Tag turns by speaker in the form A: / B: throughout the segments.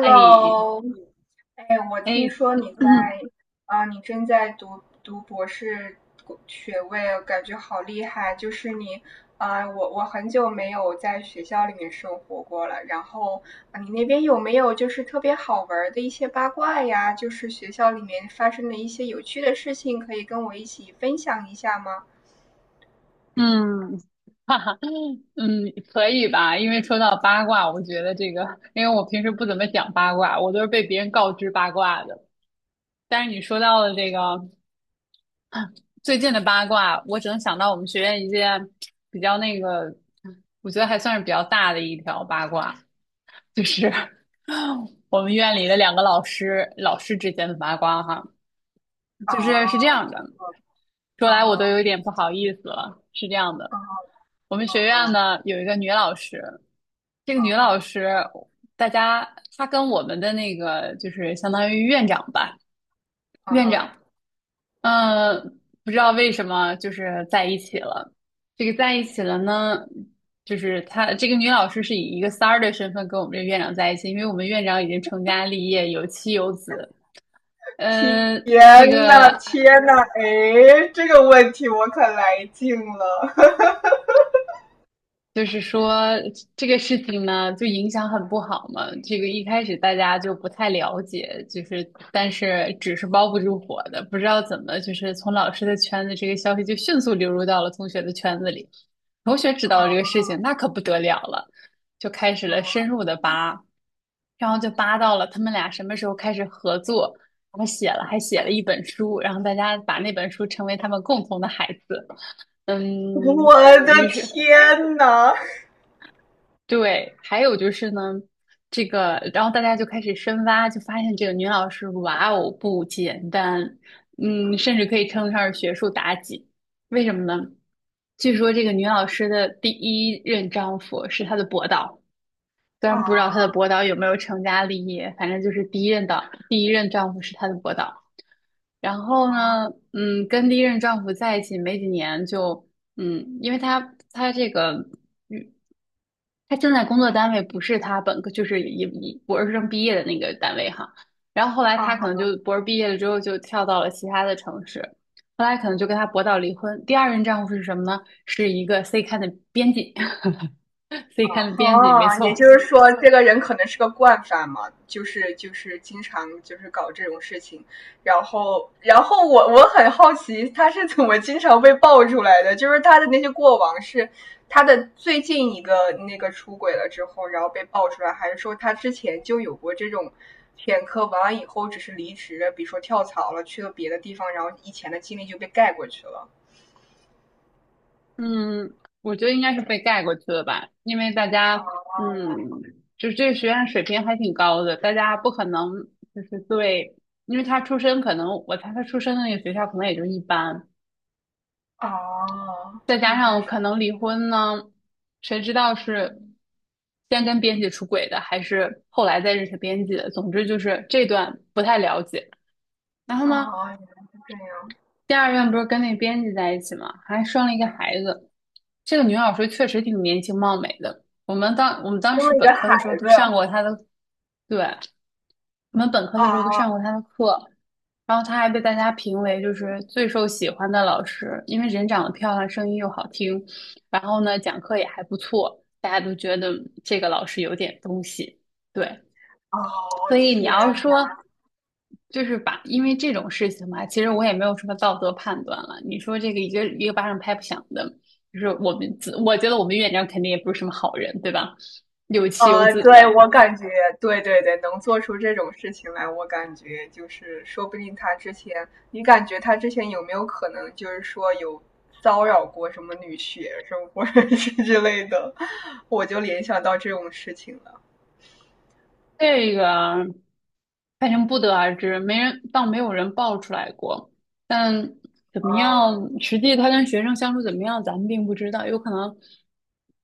A: 哎
B: 我听
A: 哎，
B: 说你在 你正在读博士学位，感觉好厉害。就是你我很久没有在学校里面生活过了。然后、你那边有没有就是特别好玩的一些八卦呀？就是学校里面发生的一些有趣的事情，可以跟我一起分享一下吗？
A: 嗯，哈哈，嗯，可以吧？因为说到八卦，我觉得这个，因为我平时不怎么讲八卦，我都是被别人告知八卦的。但是你说到了这个最近的八卦，我只能想到我们学院一件比较那个，我觉得还算是比较大的一条八卦，就是 我们院里的两个老师，老师之间的八卦哈，就是是这
B: 啊，
A: 样的。说
B: 嗯
A: 来我都
B: 哼，
A: 有点不好意思了。是这样的，
B: 嗯哼，
A: 我们
B: 嗯
A: 学院
B: 哼，
A: 呢有一个女老师，这个
B: 嗯
A: 女老
B: 哼，
A: 师，大家她跟我们的那个就是相当于院长吧，
B: 嗯
A: 院长，
B: 哼。
A: 嗯，不知道为什么就是在一起了。这个在一起了呢，就是她这个女老师是以一个三儿的身份跟我们这院长在一起，因为我们院长已经成家立业，有妻有子。呃，这
B: 天呐，
A: 个
B: 天呐，哎，这个问题我可来劲了！
A: 就是说这个事情呢，就影响很不好嘛。这个一开始大家就不太了解，就是但是纸是包不住火的，不知道怎么就是从老师的圈子，这个消息就迅速流入到了同学的圈子里。同学知道了这个
B: 啊
A: 事情，那可不得了了，就开始了深
B: 啊！
A: 入的扒，然后就扒到了他们俩什么时候开始合作，还写了一本书，然后大家把那本书称为他们共同的孩子。嗯，
B: 我的
A: 于是
B: 天呐！
A: 对，还有就是呢，这个，然后大家就开始深挖，就发现这个女老师，哇哦，不简单，嗯，甚至可以称得上是学术妲己。为什么呢？据说这个女老师的第一任丈夫是她的博导，虽然不知道她的
B: 啊
A: 博导有没有成家立业，反正就是第一任的，第一任丈夫是她的博导。然后
B: 啊
A: 呢，嗯，跟第一任丈夫在一起没几年就，嗯，因为他他这个，嗯，他正在工作单位不是他本科，就是以博士生毕业的那个单位哈。然后后来他可能
B: 啊！
A: 就博士毕业了之后就跳到了其他的城市，后来可能就跟他博到离婚。第二任丈夫是什么呢？是一个 C 刊的编辑 ，C 刊的编辑，
B: 哦，
A: 没
B: 也
A: 错。
B: 就是说，这个人可能是个惯犯嘛，就是经常就是搞这种事情，然后我很好奇他是怎么经常被爆出来的，就是他的那些过往是他的最近一个那个出轨了之后，然后被爆出来，还是说他之前就有过这种前科，完了以后只是离职了，比如说跳槽了，去了别的地方，然后以前的经历就被盖过去了。
A: 嗯，我觉得应该是被盖过去了吧，因为大家，嗯，就是这个学院水平还挺高的，大家不可能就是对，因为他出身可能，我猜他出身的那个学校可能也就一般，
B: 哦，
A: 再加
B: 原来
A: 上可
B: 是这
A: 能
B: 样。
A: 离婚呢，谁知道是先跟编辑出轨的，还是后来再认识编辑的，总之就是这段不太了解。然后
B: 哦，
A: 呢，
B: 原来是这样。
A: 第二任不是跟那编辑在一起嘛，还生了一个孩子。这个女老师确实挺年轻貌美的。我们当我们当
B: 生
A: 时
B: 了一个
A: 本科
B: 孩
A: 的时候都
B: 子
A: 上过她的，对，我们本科的时候
B: 啊，
A: 都上过她的课。然后她还被大家评为就是最受喜欢的老师，因为人长得漂亮，声音又好听，然后呢讲课也还不错，大家都觉得这个老师有点东西。对，所
B: 哦
A: 以你
B: 天
A: 要
B: 呐，
A: 说，就是把，因为这种事情嘛，其实我也没有什么道德判断了。你说这个一个一个巴掌拍不响的，就是我们自，我觉得我们院长肯定也不是什么好人，对吧？有妻有子
B: 对
A: 的，
B: 我感觉，对对对，能做出这种事情来，我感觉就是说不定他之前，你感觉他之前有没有可能就是说有骚扰过什么女学生或者是之类的，我就联想到这种事情了
A: 这个反正不得而知，没人，倒没有人爆出来过。但怎么
B: 啊，
A: 样，实际他跟学生相处怎么样，咱们并不知道，有可能。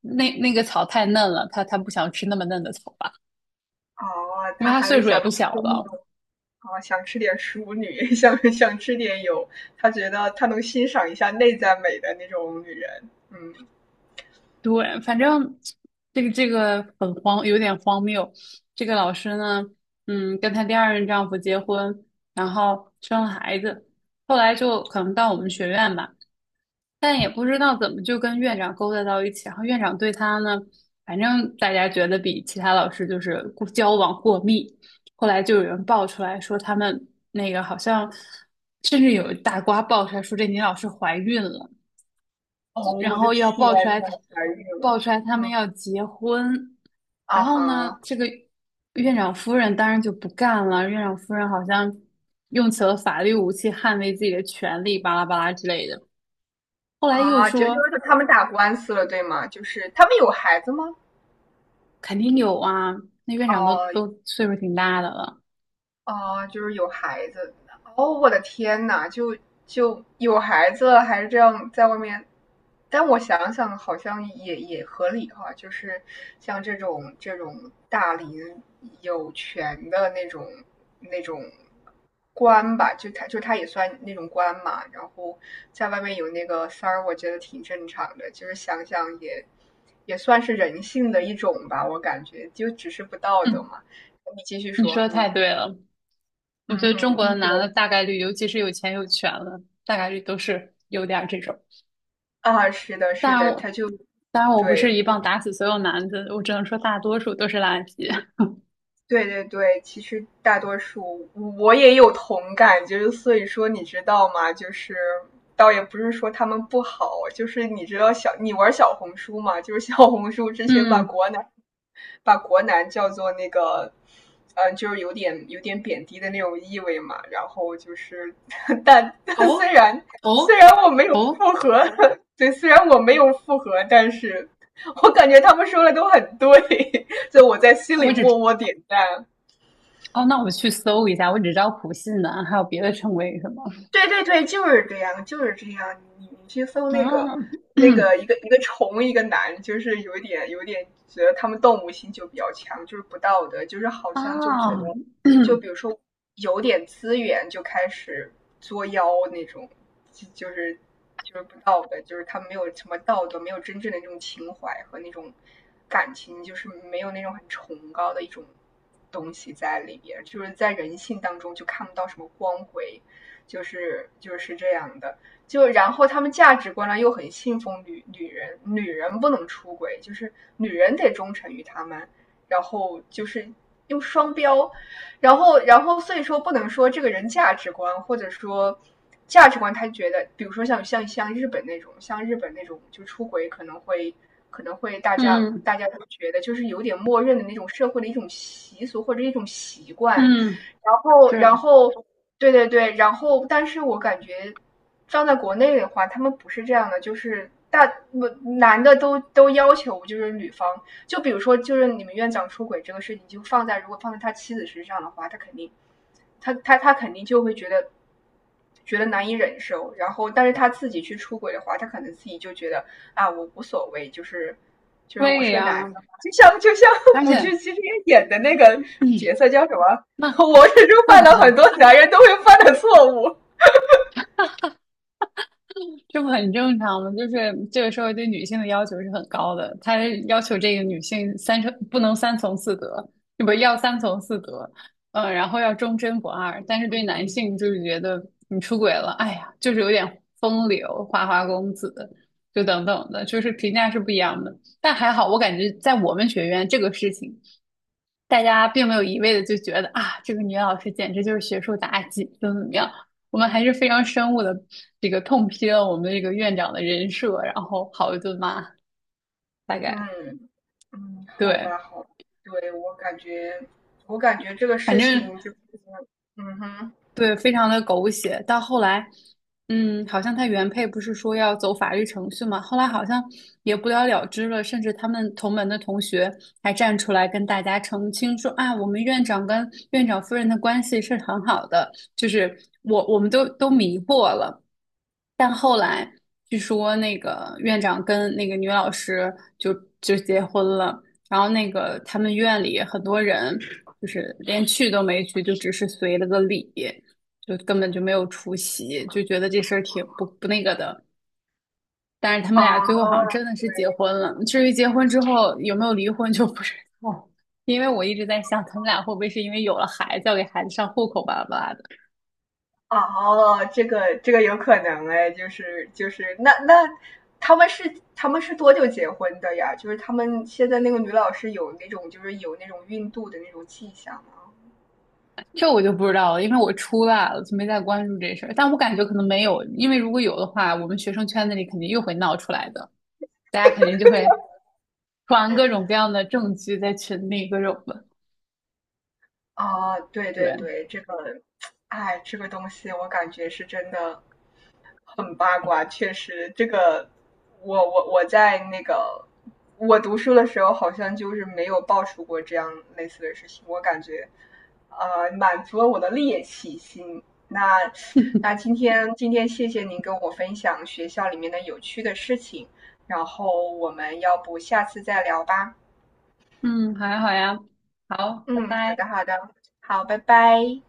A: 那那个草太嫩了，他不想吃那么嫩的草吧，
B: 哦，
A: 因为
B: 他
A: 他
B: 还
A: 岁
B: 是
A: 数
B: 想
A: 也不
B: 吃
A: 小
B: 那
A: 了。
B: 种啊，想吃点淑女，想吃点有，他觉得他能欣赏一下内在美的那种女人，嗯。
A: 对，反正这个这个很荒，有点荒谬。这个老师呢，嗯，跟她第二任丈夫结婚，然后生了孩子，后来就可能到我们学院吧，但也不知道怎么就跟院长勾搭到一起。然后院长对她呢，反正大家觉得比其他老师就是过交往过密。后来就有人爆出来说他们那个好像，甚至有大瓜爆出来说这女老师怀孕了。
B: 哦，
A: 然
B: 我的
A: 后要
B: 天
A: 爆出来
B: 呐，
A: 他，
B: 怀孕了，
A: 爆出来他们
B: 嗯，
A: 要结婚，然
B: 啊
A: 后呢，
B: 哈，
A: 这个院长夫人当然就不干了，院长夫人好像用起了法律武器捍卫自己的权利，巴拉巴拉之类的。后来又
B: 啊，就就
A: 说
B: 是他们打官司了，对吗？就是他们有孩子吗？
A: 肯定有啊，那院长都
B: 哦，
A: 都岁数挺大的了。
B: 哦，就是有孩子。哦，我的天呐，就有孩子了，还这样在外面。但我想想，好像也合理哈、就是像这种大龄有权的那种官吧，就他也算那种官嘛，然后在外面有那个三儿，我觉得挺正常的，就是想想也算是人性的一种吧，我感觉就只是不道德
A: 嗯，
B: 嘛。你继续
A: 你说
B: 说，
A: 的
B: 嗯。
A: 太对了，我觉
B: 嗯
A: 得中
B: 哼，
A: 国的
B: 嗯对，
A: 男的大概率，尤其是有钱有权的，大概率都是有点儿这种。
B: 啊，是的，
A: 当
B: 是
A: 然
B: 的，他
A: 我，
B: 就
A: 当然我不
B: 对，
A: 是一棒打死所有男的，我只能说大多数都是垃圾。
B: 对对对，其实大多数我也有同感，就是所以说，你知道吗？就是倒也不是说他们不好，就是你知道你玩小红书嘛？就是小红书之前
A: 嗯，
B: 把国男叫做那个，就是有点贬低的那种意味嘛。然后就是，但
A: 哦
B: 虽然
A: 哦
B: 我没有
A: 哦，
B: 复合，对，虽然我没有复合，但是我感觉他们说的都很对。就我在心里
A: 我只
B: 默
A: 知
B: 默点赞。
A: 哦，那我去搜一下，我只知道普信男，还有别的称谓是什么？
B: 对对对，就是这样，就是这样。你去搜那个
A: 啊
B: 一个虫一个男，就是有一点觉得他们动物性就比较强，就是不道德，就是好像就觉得，
A: 啊，
B: 就比如说有点资源就开始作妖那种，就就是就是不道德，就是他们没有什么道德，没有真正的那种情怀和那种感情，就是没有那种很崇高的一种东西在里边，就是在人性当中就看不到什么光辉。就是这样的。就然后他们价值观呢又很信奉女人，女人不能出轨，就是女人得忠诚于他们，然后就是用双标，然后所以说不能说这个人价值观或者说价值观，他觉得比如说像日本那种，就出轨可能会
A: 嗯
B: 大家都觉得就是有点默认的那种社会的一种习俗或者一种习惯，
A: 嗯，
B: 然后然
A: 是，
B: 后。对对对，然后但是我感觉放在国内的话，他们不是这样的，就是不男的都要求就是女方，就比如说就是你们院长出轨这个事情，就放在如果放在他妻子身上的话，他肯定就会觉得难以忍受，然后但是他自己去出轨的话，他可能自己就觉得啊我无所谓，就是我
A: 对
B: 是个男
A: 呀，
B: 的嘛就像
A: 而
B: 古巨
A: 且，
B: 基之前演的那个
A: 嗯，
B: 角色叫什么？
A: 那
B: 我始终
A: 那
B: 犯
A: 不
B: 了很
A: 能。
B: 多男人都会犯的错误。
A: 这不很正常吗？就是这个社会对女性的要求是很高的，他要求这个女性三从四德，不要三从四德，嗯、然后要忠贞不二。但是对男性就是觉得你出轨了，哎呀，就是有点风流花花公子，就等等的，就是评价是不一样的。但还好，我感觉在我们学院这个事情大家并没有一味的就觉得啊，这个女老师简直就是学术妲己，怎么怎么样。我们还是非常深恶的这个痛批了我们的这个院长的人设，然后好一顿骂，大概
B: 嗯嗯，好
A: 对，
B: 吧，好吧，对，我感觉，这个
A: 反
B: 事
A: 正
B: 情就是，嗯哼，
A: 对，非常的狗血。到后来，嗯，好像他原配不是说要走法律程序嘛，后来好像也不了了之了。甚至他们同门的同学还站出来跟大家澄清说啊，我们院长跟院长夫人的关系是很好的，就是我们都迷惑了。但后来据说那个院长跟那个女老师就就结婚了，然后那个他们院里很多人就是连去都没去，就只是随了个礼，就根本就没有出席，就觉得这事儿挺不那个的。但是他们
B: 啊，
A: 俩最后好像真的
B: 对，
A: 是结婚了，至于结婚之后有没有离婚就不知道，因为我一直在想他们俩会不会是因为有了孩子要给孩子上户口吧
B: 哦，这个有可能哎，就是，那他们是多久结婚的呀？就是他们现在那个女老师有那种就是有那种孕肚的那种迹象吗？
A: 这我就不知道了，因为我出来了，就没再关注这事儿。但我感觉可能没有，因为如果有的话，我们学生圈子里肯定又会闹出来的，大家肯定就会传各种各样的证据在群里，各种的。
B: 啊，对对
A: 对，
B: 对，这个，哎，这个东西我感觉是真的，很八卦，确实，这个我我我在那个我读书的时候，好像就是没有爆出过这样类似的事情。我感觉，满足了我的猎奇心。那那今 天谢谢您跟我分享学校里面的有趣的事情，然后我们要不下次再聊吧？
A: 嗯，好呀，好呀，好，拜
B: 嗯，好
A: 拜。
B: 的好的，好，拜拜。